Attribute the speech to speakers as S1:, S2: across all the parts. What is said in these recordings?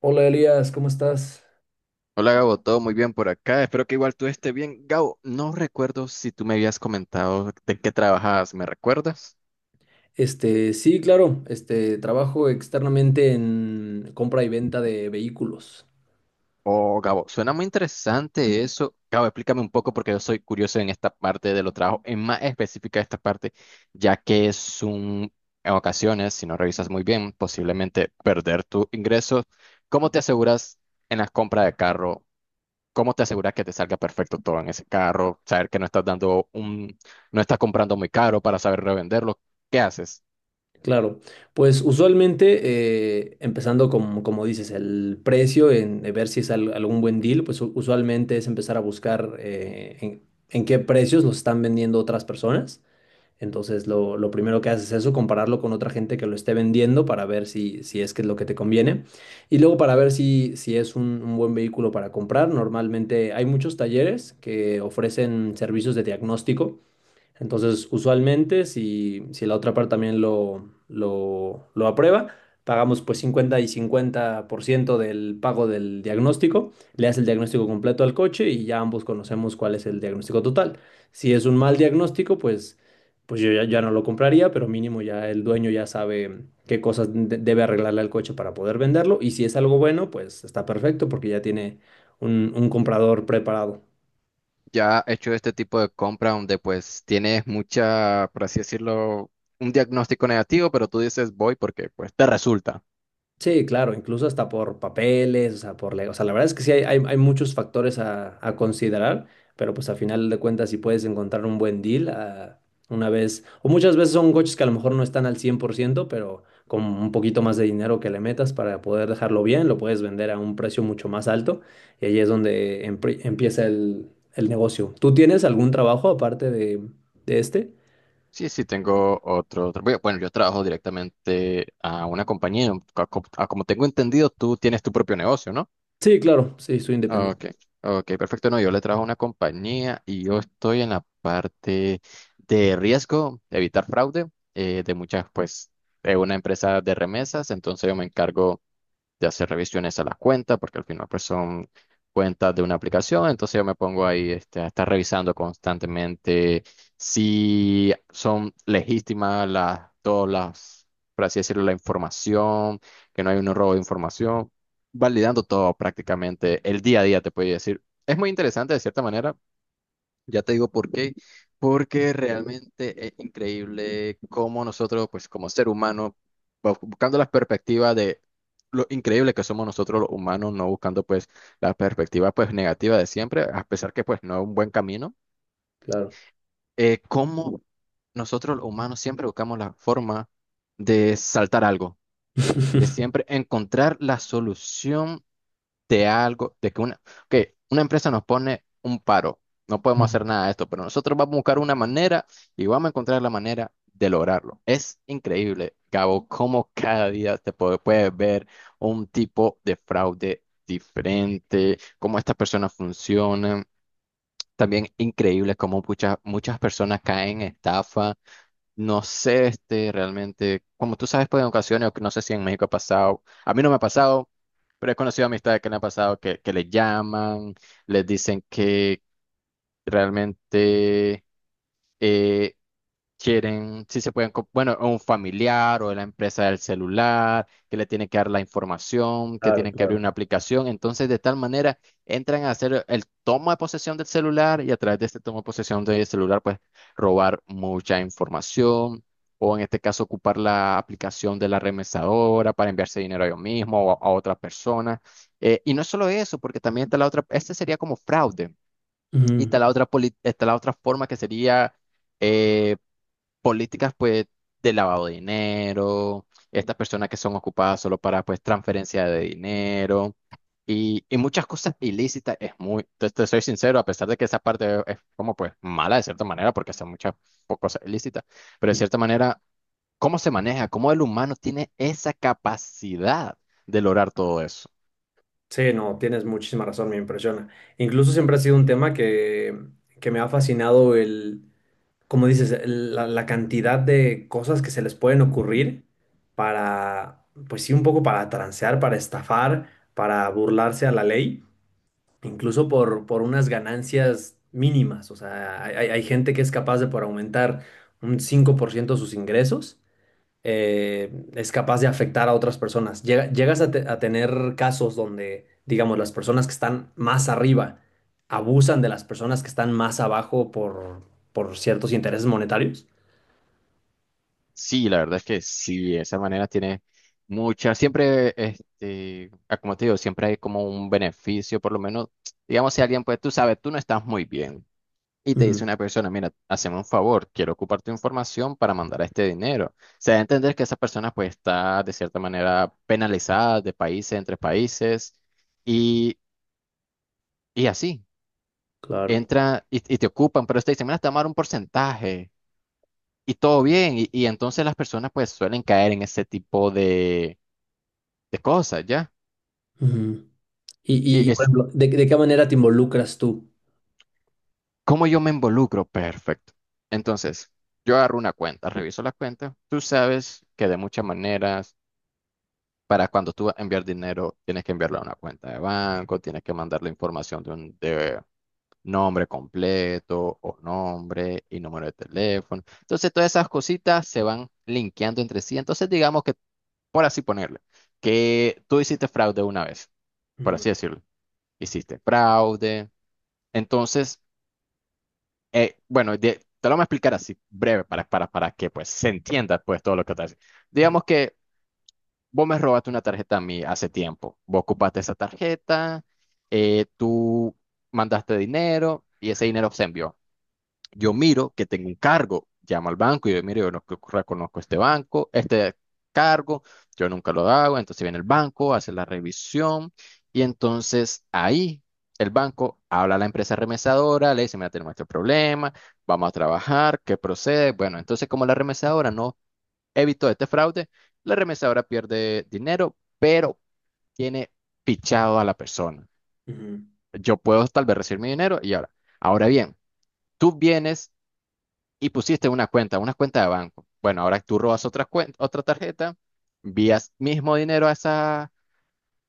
S1: Hola Elías, ¿cómo estás?
S2: Hola Gabo, todo muy bien por acá. Espero que igual tú estés bien. Gabo, no recuerdo si tú me habías comentado de qué trabajabas, ¿me recuerdas?
S1: Este, sí, claro, este, trabajo externamente en compra y venta de vehículos.
S2: Oh, Gabo, suena muy interesante eso. Gabo, explícame un poco porque yo soy curioso en esta parte de los trabajos, en más específica esta parte, ya que es un, en ocasiones, si no revisas muy bien, posiblemente perder tu ingreso. ¿Cómo te aseguras en la compra de carro? ¿Cómo te aseguras que te salga perfecto todo en ese carro? Saber que no estás dando un, no estás comprando muy caro para saber revenderlo. ¿Qué haces?
S1: Claro, pues usualmente, empezando con, como dices, el precio, en ver si es algún buen deal, pues usualmente es empezar a buscar en qué precios los están vendiendo otras personas. Entonces, lo primero que haces es eso, compararlo con otra gente que lo esté vendiendo para ver si, si es que es lo que te conviene. Y luego para ver si, si es un buen vehículo para comprar. Normalmente hay muchos talleres que ofrecen servicios de diagnóstico. Entonces, usualmente, si, si la otra parte también lo aprueba, pagamos pues 50% y 50% del pago del diagnóstico, le hace el diagnóstico completo al coche y ya ambos conocemos cuál es el diagnóstico total. Si es un mal diagnóstico, pues, pues yo ya no lo compraría, pero mínimo ya el dueño ya sabe qué cosas debe arreglarle al coche para poder venderlo, y si es algo bueno, pues está perfecto porque ya tiene un comprador preparado.
S2: Ya he hecho este tipo de compra donde pues tienes mucha, por así decirlo, un diagnóstico negativo, pero tú dices voy porque pues te resulta.
S1: Sí, claro, incluso hasta por papeles, o sea, por o sea, la verdad es que sí hay muchos factores a considerar, pero pues a final de cuentas si puedes encontrar un buen deal, ah, una vez, o muchas veces son coches que a lo mejor no están al 100%, pero con un poquito más de dinero que le metas para poder dejarlo bien, lo puedes vender a un precio mucho más alto, y ahí es donde empieza el negocio. ¿Tú tienes algún trabajo aparte de este?
S2: Sí, sí tengo otro, otro- bueno, yo trabajo directamente a una compañía. A como tengo entendido, tú tienes tu propio negocio, ¿no?
S1: Sí, claro, sí, soy independiente,
S2: Ok, ok, perfecto. No, yo le trabajo a una compañía y yo estoy en la parte de riesgo, de evitar fraude de muchas, pues, de una empresa de remesas. Entonces yo me encargo de hacer revisiones a las cuentas, porque al final pues son cuentas de una aplicación, entonces yo me pongo ahí a estar revisando constantemente si son legítimas las, todas las, por así decirlo, la información, que no hay un robo de información, validando todo prácticamente el día a día, te puedo decir. Es muy interesante de cierta manera, ya te digo por qué, porque realmente es increíble cómo nosotros, pues como ser humano, buscando la perspectiva de lo increíble que somos nosotros los humanos, no buscando pues la perspectiva pues negativa de siempre, a pesar que pues no es un buen camino,
S1: claro.
S2: cómo nosotros los humanos siempre buscamos la forma de saltar algo, de siempre encontrar la solución de algo, de que una empresa nos pone un paro, no podemos hacer nada de esto, pero nosotros vamos a buscar una manera y vamos a encontrar la manera de lograrlo. Es increíble, Gabo, cómo cada día puedes ver un tipo de fraude diferente, cómo estas personas funcionan. También increíble cómo muchas personas caen en estafa, no sé, realmente, como tú sabes, pues en ocasiones, o que no sé si en México ha pasado, a mí no me ha pasado, pero he conocido amistades que le ha pasado, que le llaman, les dicen que realmente eh, quieren, si se pueden, bueno, o un familiar o de la empresa del celular, que le tienen que dar la información, que
S1: Claro,
S2: tienen que abrir
S1: claro.
S2: una aplicación. Entonces, de tal manera, entran a hacer el toma de posesión del celular y a través de este toma de posesión del celular, pues robar mucha información. O en este caso, ocupar la aplicación de la remesadora para enviarse dinero a yo mismo o a otra persona. Y no es solo eso, porque también está la otra, este sería como fraude. Y
S1: Ujú.
S2: está la otra, está la otra forma que sería eh, políticas pues de lavado de dinero, estas personas que son ocupadas solo para pues transferencia de dinero y muchas cosas ilícitas. Es muy, te soy sincero, a pesar de que esa parte es como pues mala de cierta manera porque son muchas cosas ilícitas, pero de cierta manera, ¿cómo se maneja? ¿Cómo el humano tiene esa capacidad de lograr todo eso?
S1: Sí, no, tienes muchísima razón, me impresiona. Incluso siempre ha sido un tema que me ha fascinado el, como dices, la, la cantidad de cosas que se les pueden ocurrir para, pues sí, un poco para transear, para estafar, para burlarse a la ley, incluso por unas ganancias mínimas. O sea, hay gente que es capaz de, por aumentar un 5% sus ingresos, es capaz de afectar a otras personas. Llegas a, a tener casos donde, digamos, las personas que están más arriba abusan de las personas que están más abajo por ciertos intereses monetarios.
S2: Sí, la verdad es que sí, de esa manera tiene mucha, siempre, como te digo, siempre hay como un beneficio, por lo menos, digamos, si alguien, pues tú sabes, tú no estás muy bien y te dice
S1: Ujú,
S2: una persona, mira, haceme un favor, quiero ocupar tu información para mandar este dinero. Se da a entender que esa persona, pues, está de cierta manera penalizada de países, entre países y, y así,
S1: claro.
S2: entra y te ocupan, pero te dicen, mira, te vamos a dar un porcentaje. Y todo bien. Y entonces las personas pues suelen caer en ese tipo de cosas, ¿ya?
S1: Ujú. Y,
S2: Y
S1: y, por
S2: es
S1: ejemplo, de qué manera te involucras tú?
S2: cómo yo me involucro, perfecto. Entonces, yo agarro una cuenta, reviso la cuenta. Tú sabes que de muchas maneras, para cuando tú vas a enviar dinero, tienes que enviarlo a una cuenta de banco, tienes que mandar la información de un de nombre completo o nombre y número de teléfono. Entonces, todas esas cositas se van linkeando entre sí. Entonces, digamos que, por así ponerle, que tú hiciste fraude una vez, por
S1: Ujú,
S2: así decirlo. Hiciste fraude. Entonces, te lo voy a explicar así, breve, para que pues se entienda pues todo lo que te hace.
S1: ujú,
S2: Digamos que vos me robaste una tarjeta a mí hace tiempo. Vos ocupaste esa tarjeta, tú mandaste dinero y ese dinero se envió. Yo miro que tengo un cargo, llamo al banco y yo, mire, yo no reconozco este banco, este cargo, yo nunca lo hago, entonces viene el banco, hace la revisión y entonces ahí el banco habla a la empresa remesadora, le dice, mira, tenemos este problema, vamos a trabajar, ¿qué procede? Bueno, entonces como la remesadora no evitó este fraude, la remesadora pierde dinero, pero tiene fichado a la persona.
S1: ujú,
S2: Yo puedo tal vez recibir mi dinero y ahora bien, tú vienes y pusiste una cuenta de banco. Bueno, ahora tú robas otra cuenta, otra tarjeta, envías mismo dinero a esa,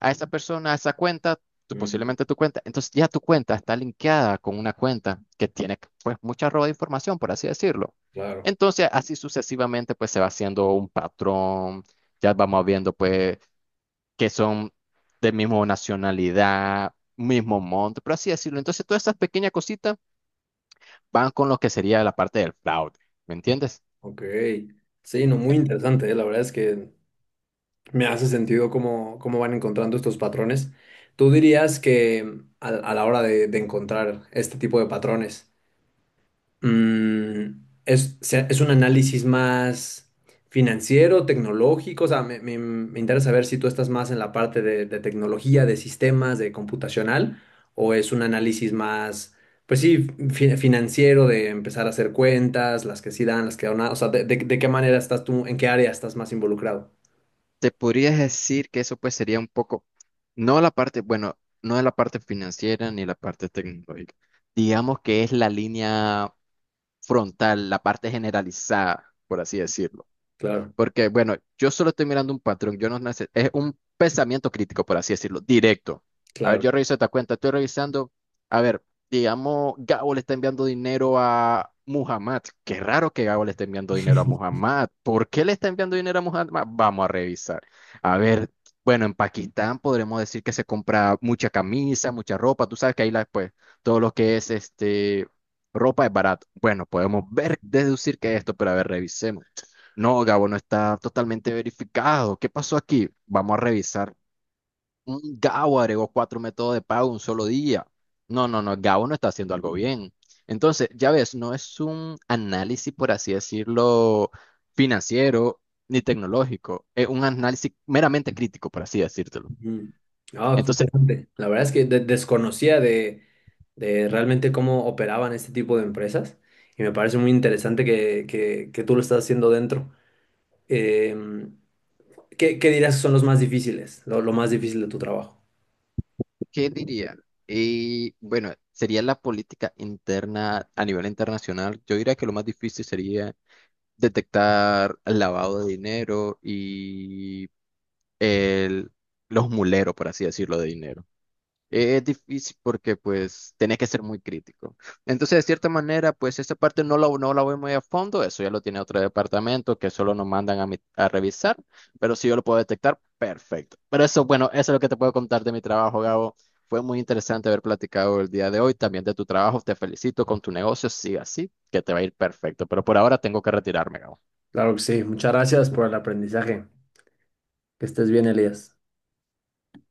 S2: a esa cuenta, tú,
S1: ujú,
S2: posiblemente tu cuenta. Entonces ya tu cuenta está linkeada con una cuenta que tiene pues mucha roba de información, por así decirlo.
S1: claro,
S2: Entonces así sucesivamente pues se va haciendo un patrón, ya vamos viendo pues que son de mismo nacionalidad, mismo monto, por así decirlo. Entonces todas esas pequeñas cositas van con lo que sería la parte del fraude, ¿me entiendes?
S1: ok. Sí, no, muy interesante, la verdad es que me hace sentido cómo, cómo van encontrando estos patrones. ¿Tú dirías que a la hora de encontrar este tipo de patrones, es, es un análisis más financiero, tecnológico? O sea, me interesa saber si tú estás más en la parte de tecnología, de sistemas, de computacional, o es un análisis más, pues sí, financiero, de empezar a hacer cuentas, las que sí dan, las que no dan. O sea, de, de qué manera estás tú, ¿en qué área estás más involucrado?
S2: Te podrías decir que eso pues sería un poco, no la parte, bueno, no es la parte financiera ni la parte tecnológica. Digamos que es la línea frontal, la parte generalizada, por así decirlo.
S1: Claro,
S2: Porque, bueno, yo solo estoy mirando un patrón, yo no es un pensamiento crítico, por así decirlo, directo. A ver,
S1: claro.
S2: yo reviso esta cuenta, estoy revisando, a ver, digamos, Gabo le está enviando dinero a Muhammad. Qué raro que Gabo le esté enviando dinero a Muhammad. ¿Por qué le está enviando dinero a Muhammad? Vamos a revisar. A ver, bueno, en Pakistán podremos decir que se compra mucha camisa, mucha ropa, tú sabes que ahí la, pues, todo lo que es ropa es barato. Bueno, podemos ver, deducir que es esto, pero a ver, revisemos. No, Gabo no está totalmente verificado. ¿Qué pasó aquí? Vamos a revisar. Mm, Gabo agregó cuatro métodos de pago en un solo día. No, no, no, Gabo no está haciendo algo bien. Entonces, ya ves, no es un análisis, por así decirlo, financiero ni tecnológico. Es un análisis meramente crítico, por así decírtelo.
S1: Mm. Ah, qué
S2: Entonces,
S1: interesante. La verdad es que desconocía de realmente cómo operaban este tipo de empresas, y me parece muy interesante que, que tú lo estás haciendo dentro. Em, ¿qué dirás que son los más difíciles, lo más difícil de tu trabajo?
S2: ¿qué diría? Y bueno, sería la política interna a nivel internacional. Yo diría que lo más difícil sería detectar el lavado de dinero y el, los muleros, por así decirlo, de dinero. Es difícil porque pues tenés que ser muy crítico. Entonces, de cierta manera, pues esta parte no la voy muy a fondo, eso ya lo tiene otro departamento que solo nos mandan a revisar, pero si yo lo puedo detectar, perfecto. Pero eso, bueno, eso es lo que te puedo contar de mi trabajo, Gabo. Fue muy interesante haber platicado el día de hoy, también de tu trabajo. Te felicito con tu negocio, sigue así, que te va a ir perfecto. Pero por ahora tengo que retirarme, Gabo.
S1: Claro que sí. Muchas gracias por el aprendizaje. Que estés bien, Elías.